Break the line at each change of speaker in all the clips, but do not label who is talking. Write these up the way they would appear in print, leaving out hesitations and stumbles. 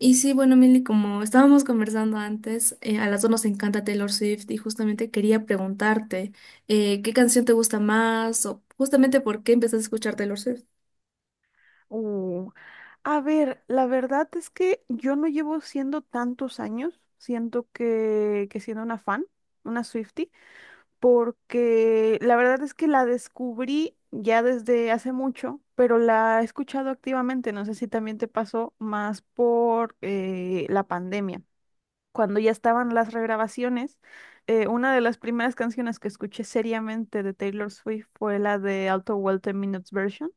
Y sí, bueno, Milly, como estábamos conversando antes, a las dos nos encanta Taylor Swift y justamente quería preguntarte, ¿qué canción te gusta más o justamente por qué empezaste a escuchar Taylor Swift?
Uh, a ver, la verdad es que yo no llevo siendo tantos años, siento que siendo una fan, una Swiftie, porque la verdad es que la descubrí ya desde hace mucho, pero la he escuchado activamente, no sé si también te pasó más por la pandemia. Cuando ya estaban las regrabaciones, una de las primeras canciones que escuché seriamente de Taylor Swift fue la de Auto Welcome Minutes Version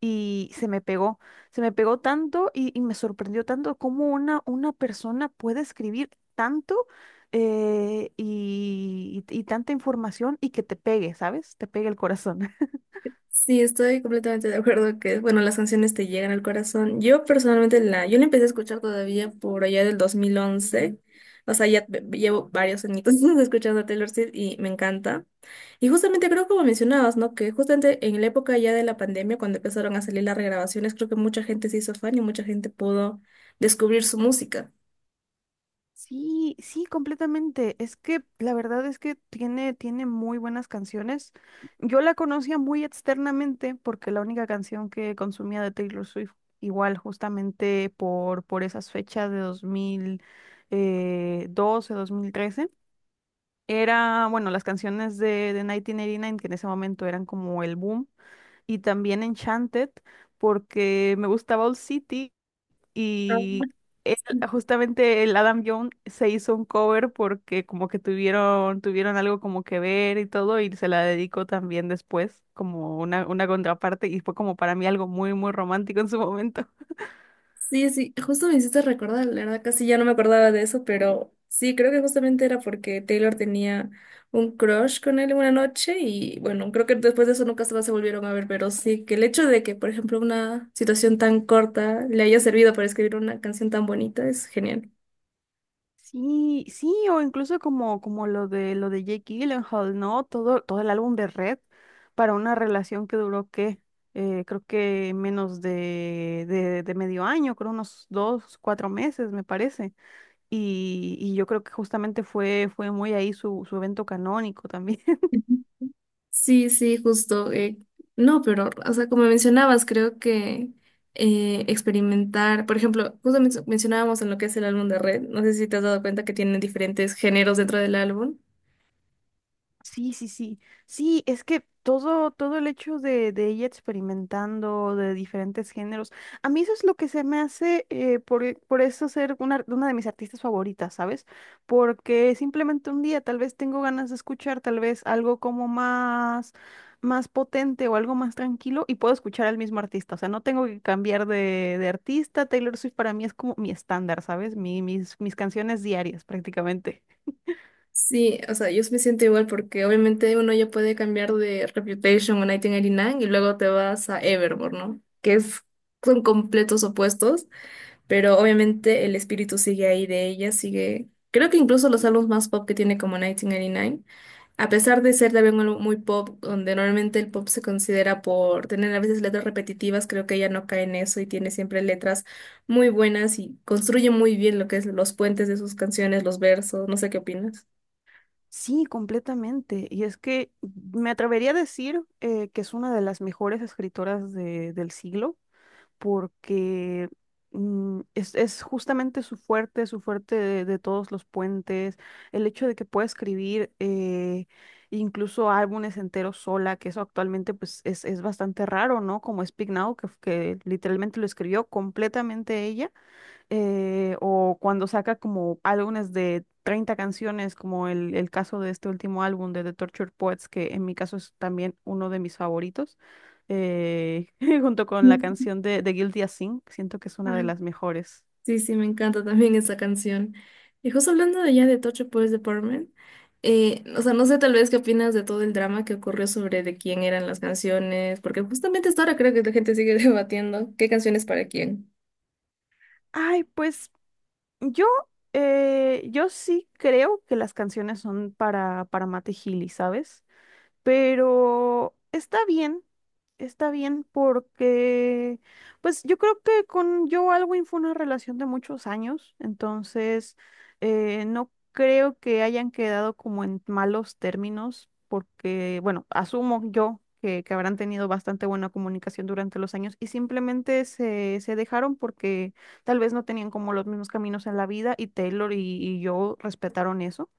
y se me pegó tanto y me sorprendió tanto cómo una persona puede escribir tanto y tanta información y que te pegue, ¿sabes? Te pegue el corazón.
Sí, estoy completamente de acuerdo que, bueno, las canciones te llegan al corazón. Yo personalmente yo la empecé a escuchar todavía por allá del dos mil once. O sea, llevo varios añitos escuchando a Taylor Swift y me encanta. Y justamente creo como mencionabas, ¿no? Que justamente en la época ya de la pandemia, cuando empezaron a salir las regrabaciones, creo que mucha gente se hizo fan y mucha gente pudo descubrir su música.
Sí, sí, completamente. Es que la verdad es que tiene muy buenas canciones. Yo la conocía muy externamente porque la única canción que consumía de Taylor Swift, igual justamente por esas fechas de 2012, 2013. Era, bueno, las canciones de 1989, que en ese momento eran como el boom, y también Enchanted, porque me gustaba Old City
Ah.
y él- justamente el Adam Young se hizo un cover porque como que tuvieron algo como que ver y todo, y se la dedicó también después como una contraparte, y fue como para mí algo muy, muy romántico en su momento.
Sí, sí, justo me hiciste recordar, la verdad casi ya no me acordaba de eso, pero sí, creo que justamente era porque Taylor tenía un crush con él una noche y bueno, creo que después de eso nunca más se volvieron a ver, pero sí, que el hecho de que, por ejemplo, una situación tan corta le haya servido para escribir una canción tan bonita es genial.
Sí, sí, o incluso como, como lo de Jake Gyllenhaal, ¿no? Todo el álbum de Red para una relación que duró ¿qué? Creo que menos de medio año, creo unos dos, cuatro meses, me parece. Y yo creo que justamente fue muy ahí su evento canónico también.
Sí, sí, justo. No, pero, o sea, como mencionabas, creo que experimentar, por ejemplo, justo mencionábamos en lo que es el álbum de Red, no sé si te has dado cuenta que tienen diferentes géneros dentro del álbum.
Sí, sí, sí. Sí, es que todo el hecho de ella experimentando de diferentes géneros, a mí eso es lo que se me hace por eso ser una de mis artistas favoritas, ¿sabes? Porque simplemente un día tal vez tengo ganas de escuchar tal vez algo como más, más potente o algo más tranquilo y puedo escuchar al mismo artista. O sea, no tengo que cambiar de artista. Taylor Swift para mí es como mi estándar, ¿sabes? Mis canciones diarias prácticamente.
Sí, o sea, yo me siento igual porque obviamente uno ya puede cambiar de Reputation o 1989 y nueve y luego te vas a Evermore, ¿no? Que es, son completos opuestos, pero obviamente el espíritu sigue ahí de ella, sigue, creo que incluso los álbumes más pop que tiene, como 1989. A pesar de ser también algo muy pop, donde normalmente el pop se considera por tener a veces letras repetitivas, creo que ella no cae en eso y tiene siempre letras muy buenas y construye muy bien lo que es los puentes de sus canciones, los versos, no sé qué opinas.
Sí, completamente. Y es que me atrevería a decir que es una de las mejores escritoras del siglo, porque es justamente su fuerte de todos los puentes, el hecho de que pueda escribir incluso álbumes enteros sola, que eso actualmente pues es bastante raro, ¿no? Como Speak Now, que literalmente lo escribió completamente ella o cuando saca como álbumes de 30 canciones, como el caso de este último álbum de The Tortured Poets, que en mi caso es también uno de mis favoritos, eh, junto con la
Sí.
canción de Guilty as Sin, siento que es una de
Ah,
las mejores.
sí, sí, me encanta también esa canción. Y justo hablando de ya de Tocho Police Department, o sea, no sé, tal vez qué opinas de todo el drama que ocurrió sobre de quién eran las canciones, porque justamente hasta ahora creo que la gente sigue debatiendo qué canciones para quién.
Ay, pues yo, yo sí creo que las canciones son para Mate Healy, ¿sabes? Pero está bien porque, pues yo creo que con Joe Alwyn fue una relación de muchos años, entonces no creo que hayan quedado como en malos términos, porque, bueno, asumo yo que habrán tenido bastante buena comunicación durante los años y simplemente se dejaron porque tal vez no tenían como los mismos caminos en la vida y Taylor y Joe respetaron eso.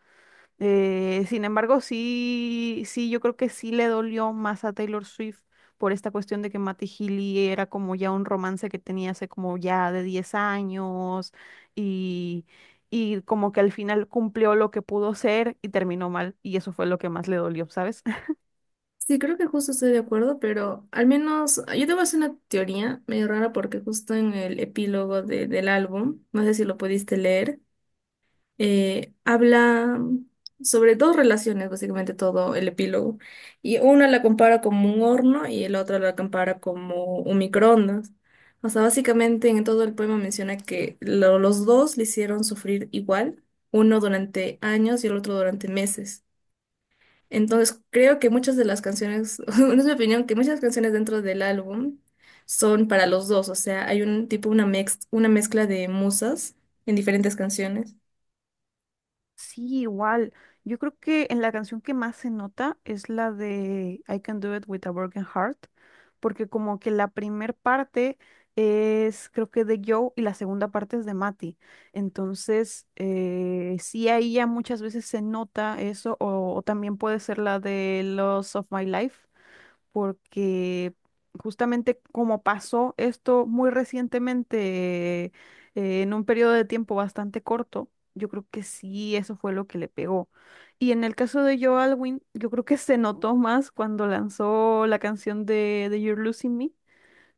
Sin embargo, sí, sí, yo creo que sí le dolió más a Taylor Swift por esta cuestión de que Matty Healy era como ya un romance que tenía hace como ya de 10 años y, y como que al final cumplió lo que pudo ser y terminó mal y eso fue lo que más le dolió, ¿sabes?
Sí, creo que justo estoy de acuerdo, pero al menos yo te voy a hacer una teoría medio rara, porque justo en el epílogo del álbum, no sé si lo pudiste leer, habla sobre dos relaciones, básicamente todo el epílogo. Y una la compara como un horno y el otro la compara como un microondas. O sea, básicamente en todo el poema menciona que los dos le hicieron sufrir igual, uno durante años y el otro durante meses. Entonces, creo que muchas de las canciones, es mi opinión, que muchas canciones dentro del álbum son para los dos. O sea, hay un tipo, una una mezcla de musas en diferentes canciones.
Sí, igual. Yo creo que en la canción que más se nota es la de I Can Do It With a Broken Heart, porque como que la primer parte es creo que de Joe y la segunda parte es de Matty. Entonces, sí, ahí ya muchas veces se nota eso, o también puede ser la de Loss of My Life porque justamente como pasó esto muy recientemente, en un periodo de tiempo bastante corto, yo creo que sí, eso fue lo que le pegó. Y en el caso de Joe Alwyn, yo creo que se notó más cuando lanzó la canción de You're Losing Me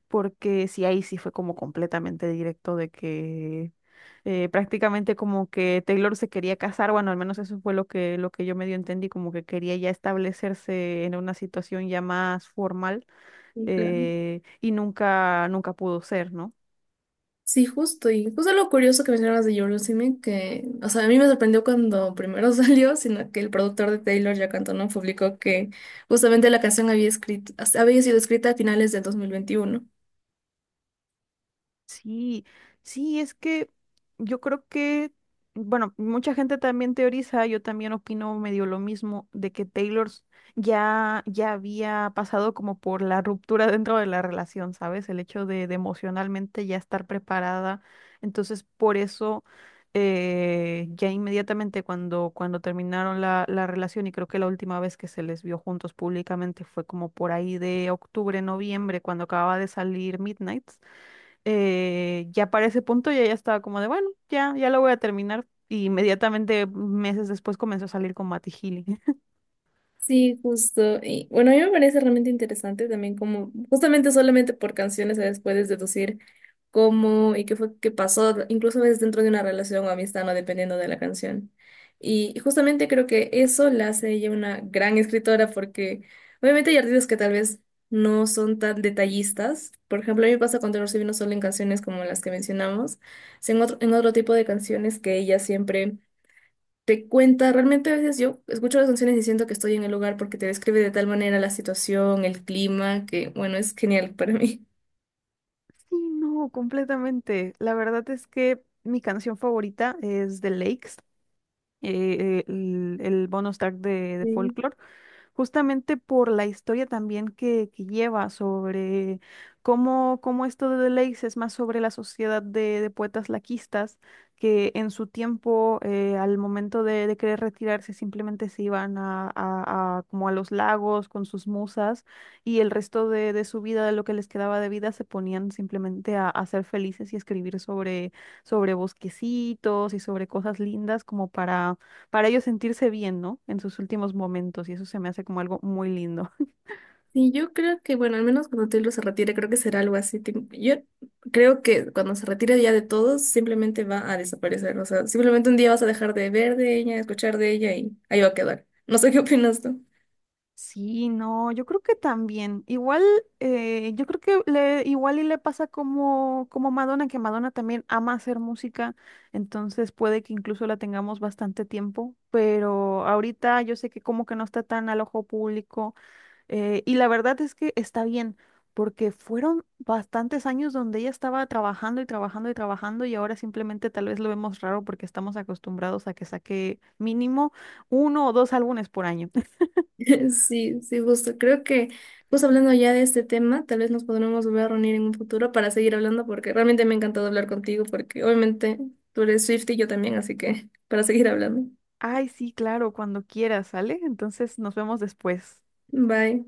porque sí, ahí sí fue como completamente directo de que prácticamente como que Taylor se quería casar, bueno, al menos eso fue lo que yo medio entendí, como que quería ya establecerse en una situación ya más formal,
Sí, claro.
y nunca, nunca pudo ser, ¿no?
Sí, justo, y justo lo curioso que mencionabas de Eurythmics, que, o sea, a mí me sorprendió cuando primero salió, sino que el productor de Taylor, Jack Antonoff, publicó que justamente la canción había escrito, había sido escrita a finales del 2021.
Sí, sí, es que yo creo que, bueno, mucha gente también teoriza, yo también opino medio lo mismo, de que ya, ya había pasado como por la ruptura dentro de la relación, ¿sabes? El hecho de emocionalmente ya estar preparada. Entonces, por eso, ya inmediatamente cuando terminaron la relación, y creo que la última vez que se les vio juntos públicamente fue como por ahí de octubre, noviembre, cuando acababa de salir Midnight. Ya para ese punto ya estaba como de, bueno, ya lo voy a terminar. Y inmediatamente, meses después, comenzó a salir con Matty Healy.
Sí, justo. Y bueno, a mí me parece realmente interesante también como, justamente solamente por canciones, ¿sabes? Puedes deducir cómo y qué fue que pasó, incluso a veces dentro de una relación o amistad, no dependiendo de la canción. Y justamente creo que eso la hace ella una gran escritora, porque obviamente hay artistas que tal vez no son tan detallistas. Por ejemplo, a mí me pasa con Taylor Swift, no solo en canciones como las que mencionamos, sino en otro tipo de canciones que ella siempre te cuenta. Realmente a veces yo escucho las canciones y siento que estoy en el lugar, porque te describe de tal manera la situación, el clima, que bueno, es genial para mí.
Sí, no, completamente. La verdad es que mi canción favorita es The Lakes, el bonus track de
Sí.
Folklore. Justamente por la historia también que lleva sobre cómo, cómo esto de Deleuze es más sobre la sociedad de poetas laquistas que en su tiempo, al momento de querer retirarse, simplemente se iban a como a los lagos con sus musas y el resto de su vida, de lo que les quedaba de vida, se ponían simplemente a ser felices y escribir sobre, sobre bosquecitos y sobre cosas lindas como para ellos sentirse bien, ¿no? En sus últimos momentos, y eso se me hace como algo muy lindo.
Y yo creo que, bueno, al menos cuando Taylor se retire, creo que será algo así. Yo creo que cuando se retire ya de todos, simplemente va a desaparecer. O sea, simplemente un día vas a dejar de ver de ella, escuchar de ella y ahí va a quedar. No sé qué opinas tú.
Sí, no, yo creo que también. Igual, yo creo que le, igual y le pasa como, como Madonna, que Madonna también ama hacer música, entonces puede que incluso la tengamos bastante tiempo, pero ahorita yo sé que como que no está tan al ojo público. Y la verdad es que está bien, porque fueron bastantes años donde ella estaba trabajando y trabajando y trabajando y ahora simplemente tal vez lo vemos raro porque estamos acostumbrados a que saque mínimo uno o dos álbumes por año.
Sí, sí, justo. Creo que, pues hablando ya de este tema, tal vez nos podremos volver a reunir en un futuro para seguir hablando, porque realmente me ha encantado hablar contigo, porque obviamente tú eres Swiftie y yo también, así que para seguir hablando.
Ay, sí, claro, cuando quieras, ¿sale? Entonces nos vemos después.
Bye.